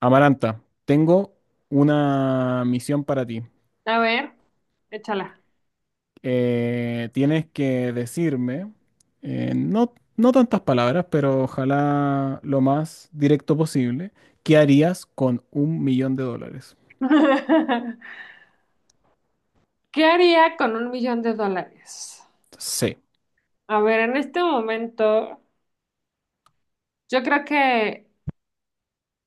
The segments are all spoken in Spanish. Amaranta, tengo una misión para ti. A ver, échala. Tienes que decirme, no, no tantas palabras, pero ojalá lo más directo posible. ¿Qué harías con $1,000,000? ¿Qué haría con 1 millón de dólares? Sí, A ver, en este momento, yo creo que,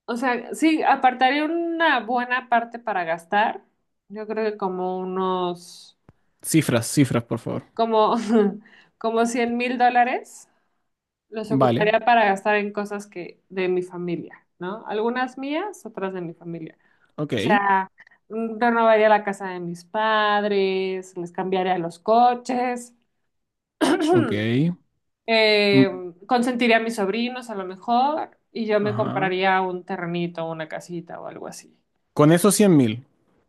o sea, sí, apartaría una buena parte para gastar. Yo creo que como unos, cifras, cifras, por favor. como, como 100 mil dólares los Vale, ocuparía para gastar en cosas que de mi familia, ¿no? Algunas mías, otras de mi familia. ok, O sea, renovaría la casa de mis padres, les cambiaría los coches. ok. Mm, Eh, consentiría a mis sobrinos a lo mejor y yo me ajá. compraría un terrenito, una casita o algo así. Con esos 100,000,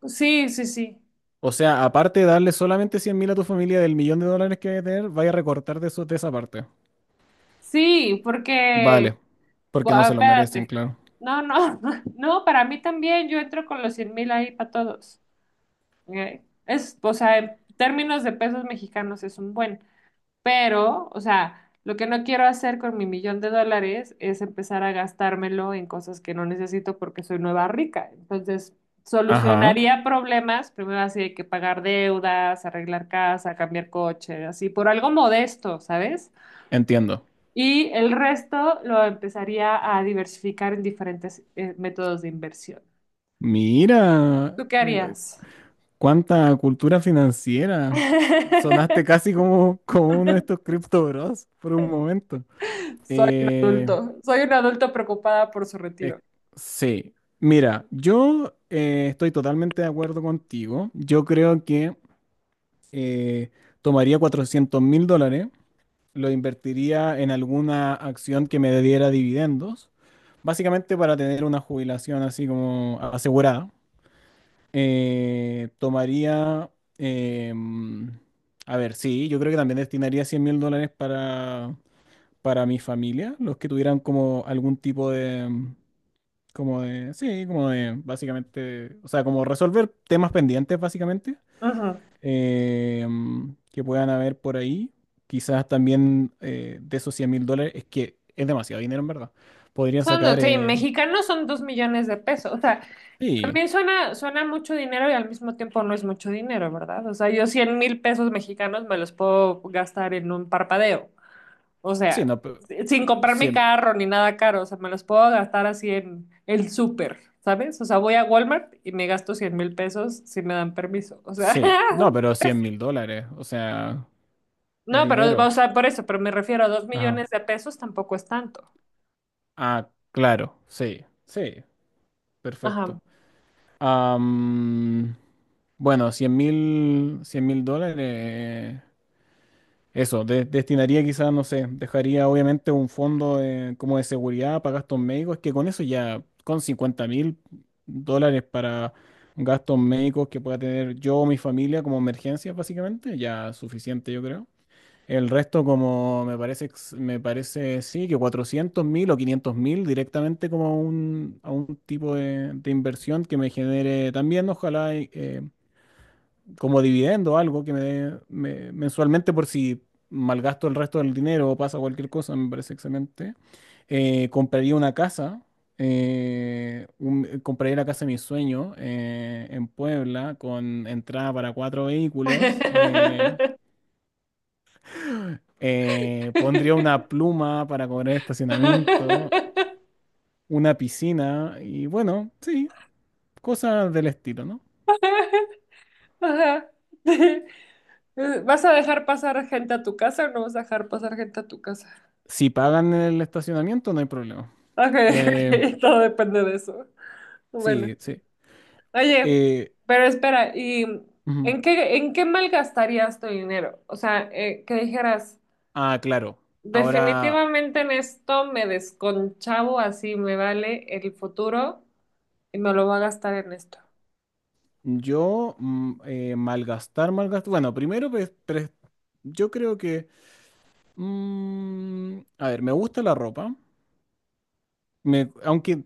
Sí, sí, sí. o sea, aparte de darle solamente 100,000 a tu familia del millón de dólares que debe tener, vaya a recortar de, eso, de esa parte. Sí, porque, Vale, porque no ah, se lo merecen, espérate. claro. No, no, no, para mí también yo entro con los 100 mil ahí para todos. O sea, en términos de pesos mexicanos es un buen. Pero, o sea, lo que no quiero hacer con mi 1 millón de dólares es empezar a gastármelo en cosas que no necesito porque soy nueva rica. Entonces, Ajá, solucionaría problemas, primero así hay que pagar deudas, arreglar casa, cambiar coche, así por algo modesto, ¿sabes? entiendo. Y el resto lo empezaría a diversificar en diferentes métodos de inversión. Mira, ¿Tú qué harías? cuánta cultura financiera. Sonaste casi como uno de estos Crypto Bros por un momento. Eh, soy un adulto preocupada por su es- retiro. sí, mira, yo estoy totalmente de acuerdo contigo. Yo creo que eh, tomaría $400,000, lo invertiría en alguna acción que me diera dividendos, básicamente para tener una jubilación así como asegurada. Eh, tomaría, em, a ver, sí, yo creo que también destinaría $100,000 para mi familia, los que tuvieran como algún tipo de, como de, sí, como de, básicamente, o sea, como resolver temas pendientes, básicamente, Ujú. Que puedan haber por ahí. Quizás también de esos $100,000, es que es demasiado dinero en verdad. Podrían sacar, Sí, mexicanos son 2 millones de pesos. O sea, sí, también suena mucho dinero y al mismo tiempo no es mucho dinero, ¿verdad? O sea, yo 100 mil pesos mexicanos me los puedo gastar en un parpadeo. O sí, sea, no, sin comprarme 100. carro ni nada caro. O sea, me los puedo gastar así en el súper, ¿sabes? O sea, voy a Walmart y me gasto 100 mil pesos si me dan permiso. O sea, Sí, no, pero $100,000, o sea, es no, pero, o dinero. sea, por eso, pero me refiero a dos Ajá. millones de pesos tampoco es tanto. Ah, claro, sí, sí, Ajá. perfecto. Am, bueno, cien mil dólares, eso, destinaría quizás, no sé, dejaría obviamente un fondo como de seguridad para gastos médicos, que con eso ya, con $50,000 para gastos médicos que pueda tener yo o mi familia como emergencias, básicamente, ya suficiente, yo creo. El resto, como me parece, me parece sí, que 400 mil o 500 mil directamente como un, a un tipo de inversión que me genere también, ojalá, y, como dividendo algo que me dé mensualmente por si malgasto el resto del dinero o pasa cualquier cosa, me parece excelente. Compraría una casa, compraría la casa de mis sueños en Puebla con entrada para cuatro vehículos. Pondría una pluma para cobrar estacionamiento, una piscina y bueno, sí, cosas del estilo, ¿no? Ajá. ¿Vas a dejar pasar gente a tu casa o no vas a dejar pasar gente a tu casa? Si pagan el estacionamiento, no hay problema. Ok, Eh, ok, todo depende de eso. Bueno, sí, sí. oye, Eh, pero espera, ¿y Ujú. en qué malgastarías tu dinero? O sea, que dijeras, Ah, claro. Ahora, definitivamente en esto me desconchavo, así me vale el futuro y me lo voy a gastar en esto. yo malgastar, malgastar. Bueno, primero, pues, yo creo que... A ver, me gusta la ropa. Aunque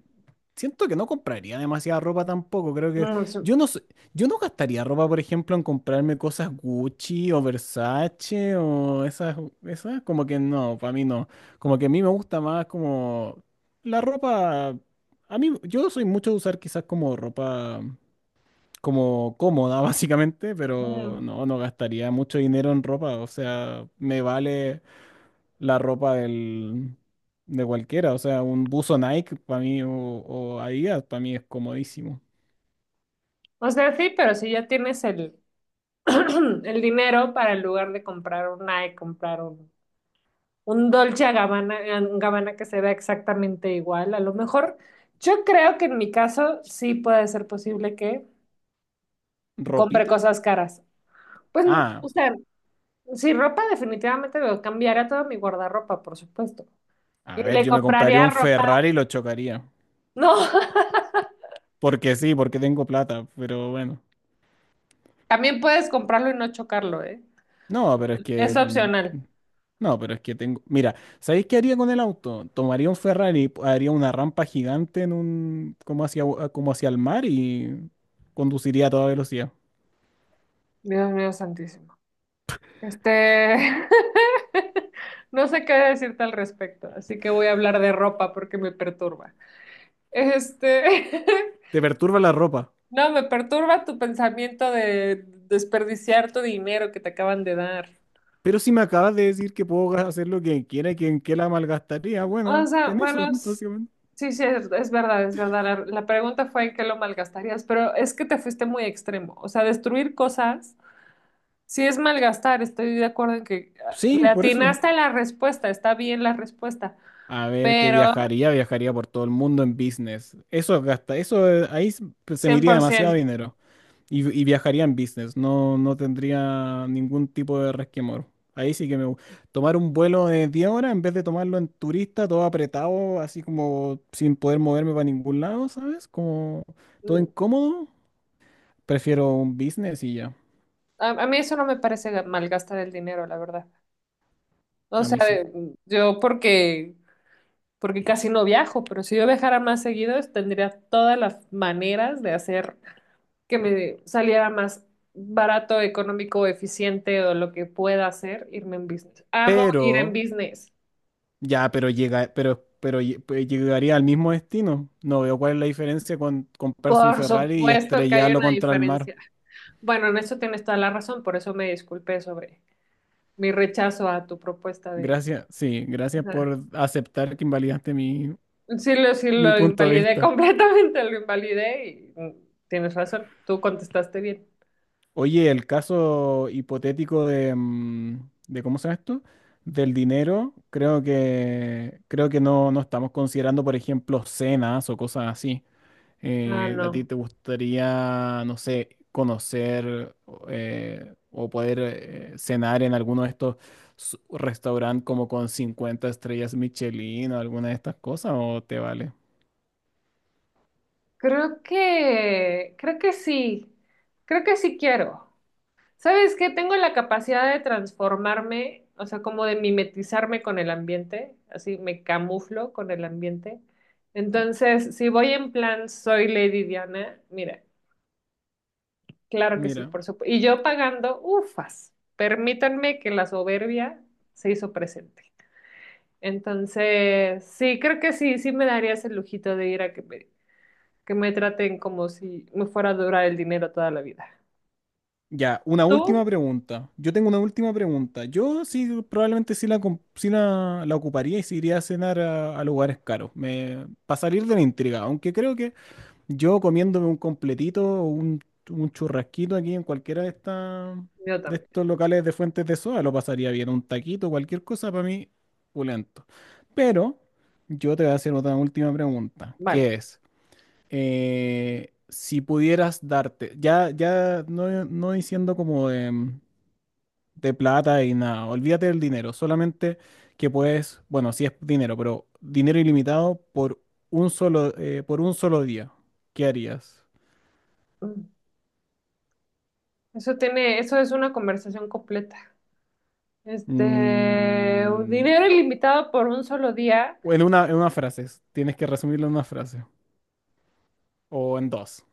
siento que no compraría demasiada ropa tampoco. Creo que Mm, sí. yo no sé- yo no gastaría ropa, por ejemplo, en comprarme cosas Gucci o Versace o esas, esas como que no, para mí no. Como que a mí me gusta más como la ropa. A mí yo soy mucho de usar quizás como ropa como cómoda básicamente, pero Mm. no, no gastaría mucho dinero en ropa. O sea, me vale la ropa del, de cualquiera. O sea, un buzo Nike para mí o Adidas para mí es comodísimo. O sea, sí, pero si ya tienes el, el dinero para en lugar de comprar un Nike, comprar un Dolce and Gabbana que se vea exactamente igual. A lo mejor, yo creo que en mi caso sí puede ser posible que compre ¿Ropita? cosas caras. Pues, Ah, o sea, si ropa definitivamente me cambiaría toda mi guardarropa, por supuesto. Y a ver, le yo me compraría compraría un ropa. Ferrari y lo chocaría. No, Porque sí, porque tengo plata, pero bueno. también puedes comprarlo y no chocarlo, ¿eh? No, pero es Es que... opcional. No, pero es que tengo... Mira, ¿sabéis qué haría con el auto? Tomaría un Ferrari, haría una rampa gigante en un... como hacia el mar y conduciría a toda velocidad. Dios mío santísimo. Este, no sé qué decirte al respecto, así que voy a hablar de ropa porque me perturba. Este, ¿Te perturba la ropa? no, me perturba tu pensamiento de desperdiciar tu dinero que te acaban de dar. Pero si me acabas de decir que puedo hacer lo que quiera y que en qué la malgastaría, O bueno, sea, en eso, bueno, básicamente. sí, sí, es verdad, es verdad. La pregunta fue en qué lo malgastarías, pero es que te fuiste muy extremo. O sea, destruir cosas, sí es malgastar, estoy de acuerdo en que ah, Sí, le por eso. atinaste a la respuesta, está bien la respuesta, A ver, que pero viajaría, viajaría por todo el mundo en business. Eso gasta, eso ahí pues, se me iría demasiado 100%. dinero. Y viajaría en business, no, no tendría ningún tipo de resquemor. Ahí sí que tomar un vuelo de 10 horas en vez de tomarlo en turista, todo apretado, así como sin poder moverme para ningún lado, ¿sabes? Como todo Mm. incómodo. Prefiero un business y ya. A mí eso no me parece malgastar el dinero, la verdad. O A sea, mí sí. Yo porque, casi no viajo, pero si yo viajara más seguido, tendría todas las maneras de hacer que me saliera más barato, económico, eficiente o lo que pueda hacer, irme en business. Amo ir en Pero, business. ya, pero llega, pues llegaría al mismo destino. No veo cuál es la diferencia con comprarse un Por Ferrari y supuesto que hay estrellarlo una contra el mar. diferencia. Bueno, en eso tienes toda la razón, por eso me disculpé sobre mi rechazo a tu propuesta de... Gracias, sí, gracias por aceptar que invalidaste mi, Sí, mi lo punto de invalidé vista. completamente, lo invalidé y tienes razón, tú contestaste bien. Oye, el caso hipotético de, de ¿cómo se llama esto? Del dinero, creo que no, no estamos considerando, por ejemplo, cenas o cosas así. Ah, ¿A no. ti te gustaría, no sé, conocer o poder cenar en alguno de estos restaurantes como con 50 estrellas Michelin o alguna de estas cosas o te vale? Creo que, creo que sí, Creo que sí quiero. ¿Sabes qué? Tengo la capacidad de transformarme, o sea, como de mimetizarme con el ambiente, así me camuflo con el ambiente. Eh, Entonces, si voy en plan soy Lady Diana, mira, claro que sí, Mira, por supuesto. Y yo pagando, ufas, permítanme que la soberbia se hizo presente. Entonces, sí, creo que sí, sí me daría ese lujito de ir a que me traten como si me fuera a durar el dinero toda la vida. ya, una ¿Tú? última pregunta. Yo tengo una última pregunta. Yo sí, probablemente sí la, sí la ocuparía y sí iría a cenar a lugares caros. Me, para salir de la intriga, aunque creo que yo comiéndome un completito o un churrasquito aquí en cualquiera de estas Yo de también. estos locales de fuentes de soda, lo pasaría bien. Un taquito, cualquier cosa para mí, pulento. Pero yo te voy a hacer otra última pregunta, Vale. que es, si pudieras darte, ya, ya no, no diciendo como de plata y nada, olvídate del dinero, solamente que puedes, bueno, sí es dinero, pero dinero ilimitado por un solo día, ¿qué harías? Mm. Eso tiene, eso es una conversación completa. Este, Mm, dinero ilimitado por un solo día. en una, en una frase. Tienes que resumirlo en una frase. O en dos.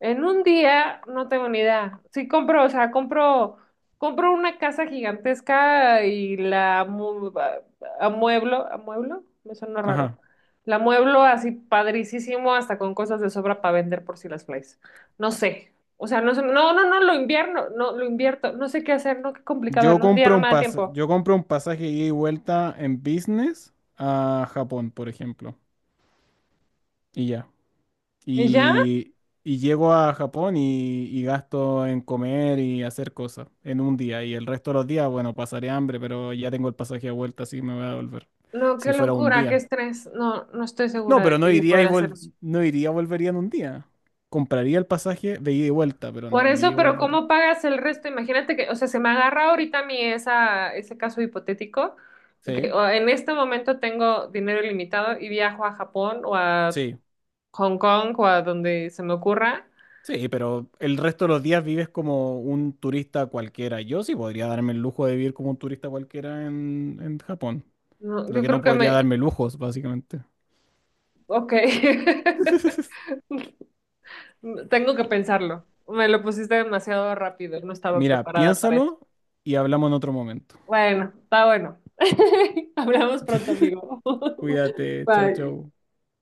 En un día, no tengo ni idea. Sí compro, o sea, compro, compro una casa gigantesca y la amueblo, me suena raro. Ajá. La amueblo así padricísimo, hasta con cosas de sobra para vender por si las flies. No sé. O sea, no, no, no, no, lo invierno, no, lo invierto. No sé qué hacer, no, qué complicado. Yo En un día compro no un me da tiempo. yo compro un pasaje ida y vuelta en business a Japón, por ejemplo. Y ya. ¿Y ya? Y, y llego a Japón y gasto en comer y hacer cosas en un día. Y el resto de los días, bueno, pasaré hambre, pero ya tengo el pasaje de vuelta, así que me voy a volver. No, qué Si fuera un locura, qué día. estrés. No, no estoy No, segura de pero no que yo iría y podría hacer eso. no iría, volvería en un día. Compraría el pasaje de ida y vuelta, pero Por no iría eso, y pero volvería. ¿cómo pagas el resto? Imagínate que, o sea, se me agarra ahorita ese caso hipotético, que Sí, o, en este momento tengo dinero ilimitado y viajo a Japón o a sí, Hong Kong o a donde se me ocurra. sí, pero el resto de los días vives como un turista cualquiera. Yo sí podría darme el lujo de vivir como un turista cualquiera en Japón. No, Lo yo que no creo que podría me... darme lujos, básicamente. Ok. Tengo que pensarlo. Me lo pusiste demasiado rápido. No estaba Mira, preparada para eso. piénsalo y hablamos en otro momento. Bueno, está bueno. Hablamos pronto, amigo. Cuídate, chao, Bye. chao.